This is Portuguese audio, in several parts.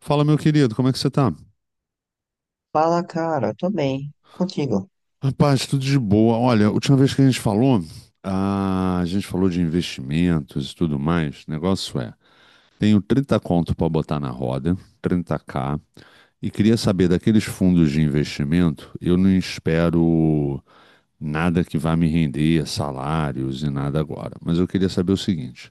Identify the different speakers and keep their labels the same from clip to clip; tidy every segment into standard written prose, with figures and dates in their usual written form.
Speaker 1: Fala, meu querido, como é que você tá?
Speaker 2: Fala, cara, tô bem. Contigo.
Speaker 1: Rapaz, tudo de boa. Olha, a última vez que a gente falou, a gente falou de investimentos e tudo mais. O negócio é, tenho trinta conto para botar na roda, 30 k, e queria saber daqueles fundos de investimento. Eu não espero nada que vá me render salários e nada agora. Mas eu queria saber o seguinte,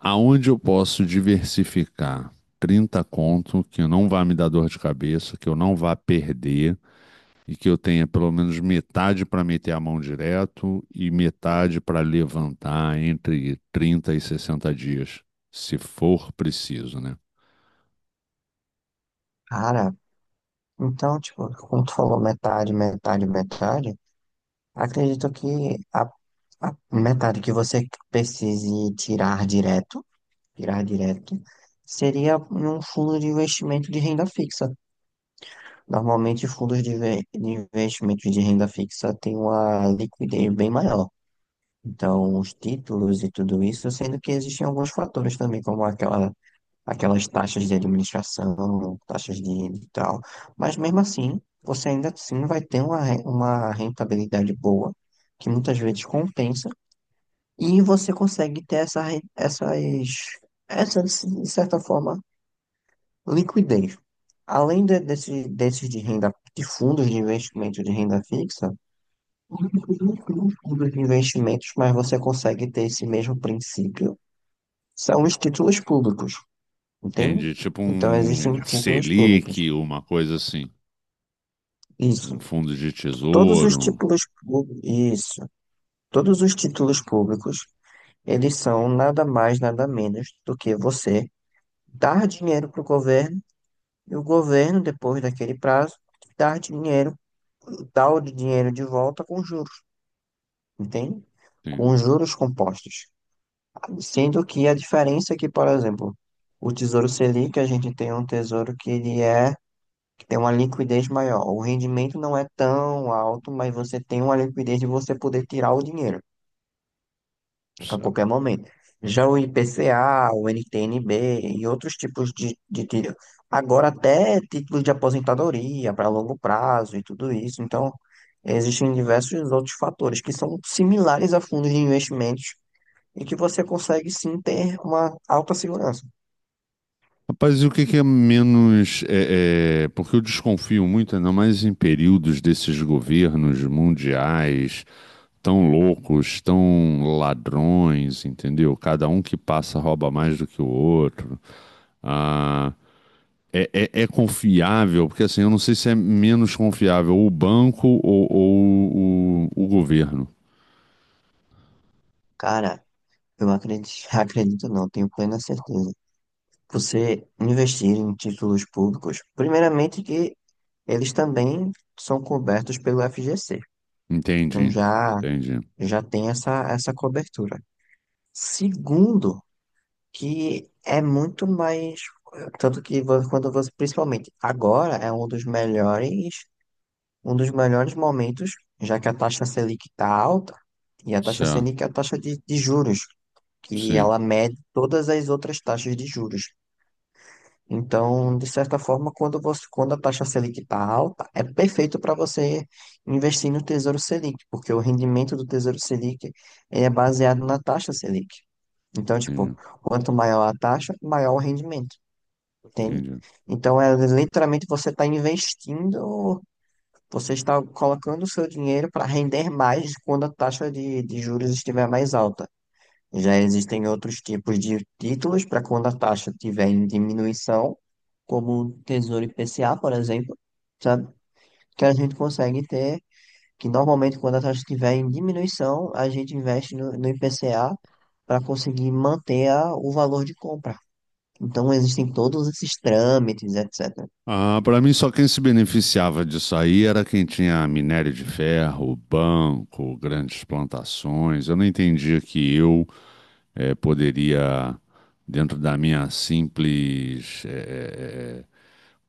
Speaker 1: aonde eu posso diversificar 30 conto que não vá me dar dor de cabeça, que eu não vá perder, e que eu tenha pelo menos metade para meter a mão direto e metade para levantar entre 30 e 60 dias, se for preciso, né?
Speaker 2: Cara, então, tipo, como tu falou metade, metade, metade, acredito que a, a metade que você precise tirar direto, seria em um fundo de investimento de renda fixa. Normalmente, fundos de investimento de renda fixa têm uma liquidez bem maior. Então, os títulos e tudo isso, sendo que existem alguns fatores também, como aquelas taxas de administração, taxas de tal. Mas mesmo assim, você ainda assim vai ter uma rentabilidade boa, que muitas vezes compensa, e você consegue ter essa, de certa forma, liquidez. Desses de renda, de fundos de investimento de renda fixa, os fundos de investimentos, mas você consegue ter esse mesmo princípio, são os títulos públicos. Entende?
Speaker 1: Entende? Tipo
Speaker 2: Então existem
Speaker 1: um
Speaker 2: títulos públicos.
Speaker 1: Selic, uma coisa assim, um
Speaker 2: Isso.
Speaker 1: fundo de
Speaker 2: Todos os
Speaker 1: tesouro.
Speaker 2: títulos públicos, isso. Todos os títulos públicos, eles são nada mais, nada menos do que você dar dinheiro para o governo e o governo, depois daquele prazo, dar dinheiro, dar o dinheiro de volta com juros, entende?
Speaker 1: Tem...
Speaker 2: Com juros compostos. Sendo que a diferença é que, por exemplo, o Tesouro Selic, a gente tem um tesouro que ele é. Tem uma liquidez maior. O rendimento não é tão alto, mas você tem uma liquidez de você poder tirar o dinheiro a qualquer momento. Já o IPCA, o NTN-B e outros tipos de tiro. Agora até títulos de aposentadoria para longo prazo e tudo isso. Então, existem diversos outros fatores que são similares a fundos de investimentos e que você consegue sim ter uma alta segurança.
Speaker 1: Rapaz, e o que que é menos. Porque eu desconfio muito, ainda mais em períodos desses governos mundiais tão loucos, tão ladrões, entendeu? Cada um que passa rouba mais do que o outro. Ah, é confiável, porque assim, eu não sei se é menos confiável o banco ou, o governo.
Speaker 2: Cara, eu acredito, acredito não, tenho plena certeza você investir em títulos públicos, primeiramente que eles também são cobertos pelo FGC. Então
Speaker 1: Entendi,
Speaker 2: já
Speaker 1: entendi.
Speaker 2: já tem essa cobertura. Segundo, que é muito mais tanto que quando você principalmente agora é um dos melhores, um dos melhores momentos, já que a taxa Selic está alta e a taxa
Speaker 1: Certo,
Speaker 2: Selic é a taxa de juros, que
Speaker 1: sim,
Speaker 2: ela mede todas as outras taxas de juros. Então, de certa forma, quando a taxa Selic está alta, é perfeito para você investir no Tesouro Selic, porque o rendimento do Tesouro Selic ele é baseado na taxa Selic. Então, tipo,
Speaker 1: entendi,
Speaker 2: quanto maior a taxa, maior o rendimento, entende?
Speaker 1: entendi.
Speaker 2: Então, é literalmente você está investindo, você está colocando o seu dinheiro para render mais quando a taxa de juros estiver mais alta. Já existem outros tipos de títulos para quando a taxa estiver em diminuição, como o Tesouro IPCA, por exemplo, sabe? Que a gente consegue ter, que normalmente quando a taxa estiver em diminuição, a gente investe no IPCA para conseguir manter o valor de compra. Então existem todos esses trâmites, etc.
Speaker 1: Ah, para mim só quem se beneficiava disso aí era quem tinha minério de ferro, banco, grandes plantações. Eu não entendia que eu poderia, dentro da minha simples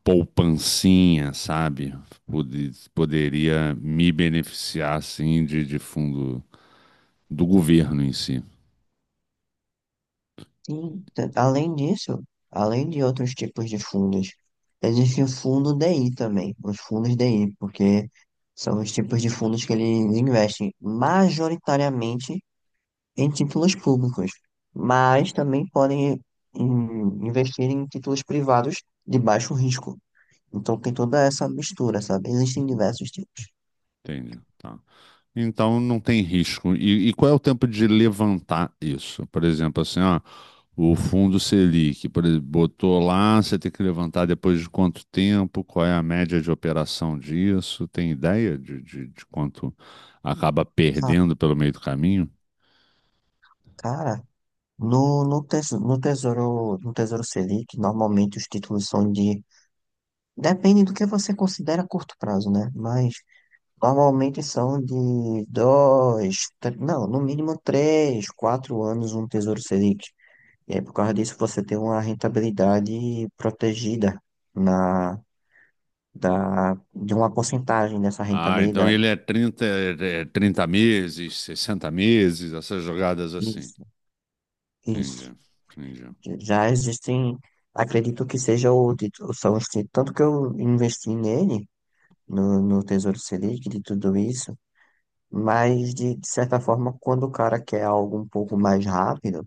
Speaker 1: poupancinha, sabe? Poderia me beneficiar, assim, de fundo do governo em si.
Speaker 2: Sim, além disso, além de outros tipos de fundos, existe o fundo DI também, os fundos DI, porque são os tipos de fundos que eles investem majoritariamente em títulos públicos, mas também podem investir em títulos privados de baixo risco. Então tem toda essa mistura, sabe? Existem diversos tipos.
Speaker 1: Entende? Tá. Então não tem risco. E qual é o tempo de levantar isso? Por exemplo, assim, ó, o fundo Selic, por exemplo, botou lá, você tem que levantar depois de quanto tempo? Qual é a média de operação disso? Tem ideia de quanto acaba
Speaker 2: Ah,
Speaker 1: perdendo pelo meio do caminho?
Speaker 2: cara, no Tesouro Selic, normalmente os títulos são de. Depende do que você considera curto prazo, né? Mas normalmente são de dois, tre- não, no mínimo 3, 4 anos um Tesouro Selic. E aí, por causa disso, você tem uma rentabilidade protegida na, da, de uma porcentagem dessa
Speaker 1: Ah, então
Speaker 2: rentabilidade.
Speaker 1: ele é 30 é 30 meses, 60 meses, essas jogadas assim.
Speaker 2: Isso,
Speaker 1: Entendi,
Speaker 2: isso.
Speaker 1: entendi.
Speaker 2: Já existem, acredito que seja são tanto que eu investi nele, no Tesouro Selic, de tudo isso. Mas, de certa forma, quando o cara quer algo um pouco mais rápido,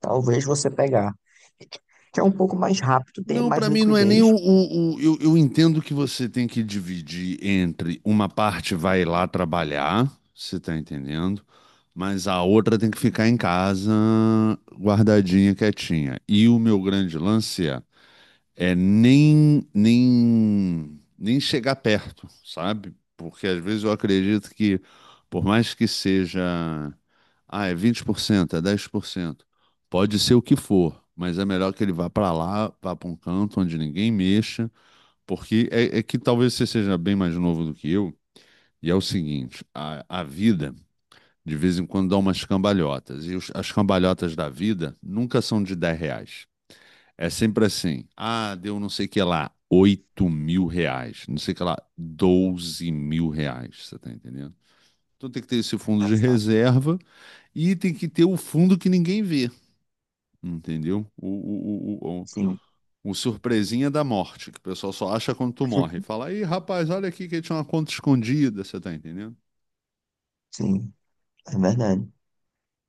Speaker 2: talvez você pegar. Que é um pouco mais rápido, tem
Speaker 1: Não,
Speaker 2: mais
Speaker 1: para mim não é nem
Speaker 2: liquidez.
Speaker 1: eu entendo que você tem que dividir entre uma parte vai lá trabalhar, você tá entendendo, mas a outra tem que ficar em casa guardadinha, quietinha. E o meu grande lance é nem chegar perto, sabe? Porque às vezes eu acredito que, por mais que seja, ah, é 20%, é 10%, pode ser o que for, mas é melhor que ele vá para lá, vá para um canto onde ninguém mexa, porque é que talvez você seja bem mais novo do que eu, e é o seguinte, a vida. De vez em quando dá umas cambalhotas. E as cambalhotas da vida nunca são de R$ 10. É sempre assim. Ah, deu não sei o que lá, R$ 8.000. Não sei o que lá, R$ 12.000. Você tá entendendo? Então tem que ter esse fundo de
Speaker 2: Essa-
Speaker 1: reserva e tem que ter o fundo que ninguém vê. Entendeu?
Speaker 2: Sim,
Speaker 1: O surpresinha da morte, que o pessoal só acha quando tu morre. Fala, aí, rapaz, olha aqui que tinha uma conta escondida, você tá entendendo?
Speaker 2: sim, é verdade.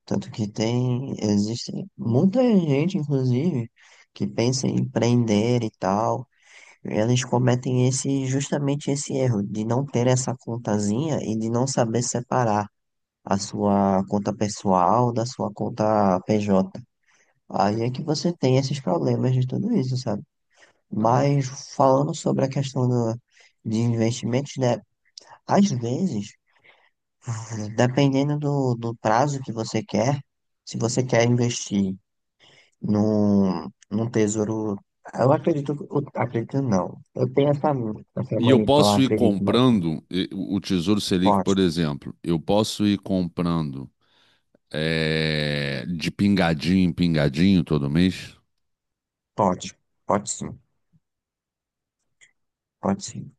Speaker 2: Tanto que tem, existe muita gente, inclusive, que pensa em empreender e tal. Eles cometem esse, justamente esse erro de não ter essa contazinha e de não saber separar a sua conta pessoal da sua conta PJ. Aí é que você tem esses problemas de tudo isso, sabe?
Speaker 1: Não.
Speaker 2: Mas falando sobre a questão do, de investimentos, né? Às vezes, dependendo do prazo que você quer, se você quer investir num tesouro. Eu acredito não. Eu tenho essa, essa
Speaker 1: E eu
Speaker 2: mania de falar
Speaker 1: posso ir
Speaker 2: acredito, mas não.
Speaker 1: comprando o Tesouro Selic,
Speaker 2: Pode,
Speaker 1: por exemplo, eu posso ir comprando de pingadinho em pingadinho todo mês?
Speaker 2: pode, pode sim, pode sim.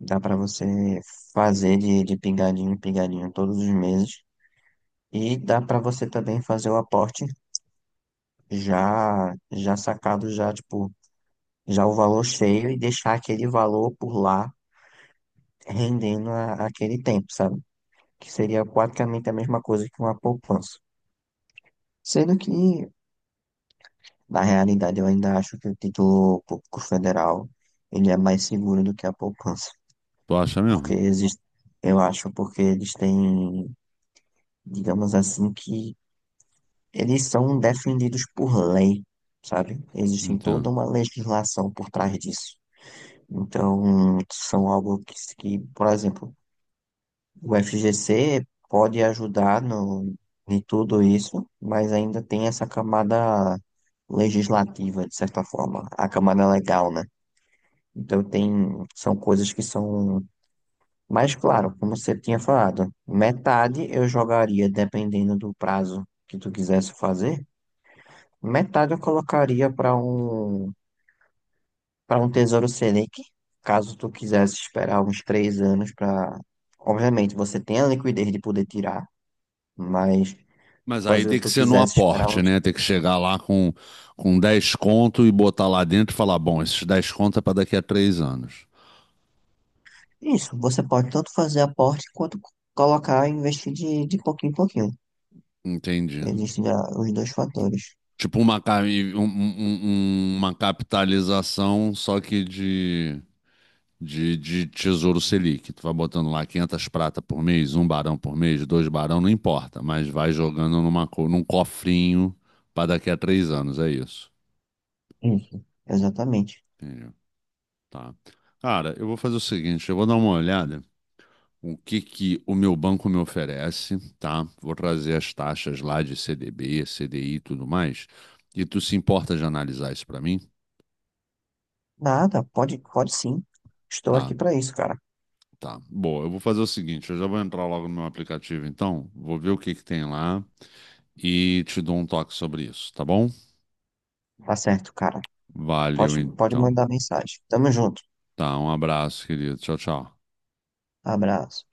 Speaker 2: Dá pra você fazer de pingadinho em pingadinho todos os meses. E dá pra você também fazer o aporte já já sacado já tipo já o valor cheio e deixar aquele valor por lá rendendo aquele tempo, sabe? Que seria praticamente a mesma coisa que uma poupança. Sendo que na realidade eu ainda acho que o título público federal ele é mais seguro do que a poupança,
Speaker 1: Tu acha
Speaker 2: porque
Speaker 1: mesmo?
Speaker 2: existe, eu acho, porque eles têm, digamos assim, que eles são defendidos por lei, sabe? Existe
Speaker 1: Então.
Speaker 2: toda uma legislação por trás disso. Então, são algo que por exemplo, o FGC pode ajudar no, em tudo isso, mas ainda tem essa camada legislativa, de certa forma, a camada legal, né? Então, tem, são coisas que são mais claro, como você tinha falado. Metade eu jogaria, dependendo do prazo que tu quisesse fazer, metade eu colocaria para um Tesouro Selic, caso tu quisesse esperar uns 3 anos para. Obviamente, você tem a liquidez de poder tirar, mas
Speaker 1: Mas aí
Speaker 2: caso
Speaker 1: tem que
Speaker 2: tu
Speaker 1: ser no
Speaker 2: quisesse esperar
Speaker 1: aporte,
Speaker 2: uns.
Speaker 1: né? Tem que chegar lá com 10 conto e botar lá dentro e falar: bom, esses 10 conto é para daqui a três anos.
Speaker 2: Isso, você pode tanto fazer aporte quanto colocar e investir de pouquinho em pouquinho.
Speaker 1: Entendi.
Speaker 2: Existem já os dois fatores.
Speaker 1: Tipo uma, uma capitalização, só que de Tesouro Selic. Tu vai botando lá 500 prata por mês, um barão por mês, dois barão, não importa, mas vai jogando numa, num cofrinho para daqui a três anos, é isso.
Speaker 2: Isso, exatamente.
Speaker 1: Entendi. Tá. Cara, eu vou fazer o seguinte, eu vou dar uma olhada o que que o meu banco me oferece, tá? Vou trazer as taxas lá de CDB, CDI e tudo mais. E tu se importa de analisar isso para mim?
Speaker 2: Nada, pode, pode sim. Estou aqui
Speaker 1: Tá,
Speaker 2: para isso, cara.
Speaker 1: tá, boa. Eu vou fazer o seguinte, eu já vou entrar logo no meu aplicativo, então, vou ver o que que tem lá e te dou um toque sobre isso, tá bom?
Speaker 2: Tá certo, cara.
Speaker 1: Valeu,
Speaker 2: Pode, pode
Speaker 1: então.
Speaker 2: mandar mensagem. Tamo junto.
Speaker 1: Tá, um abraço, querido. Tchau, tchau.
Speaker 2: Abraço.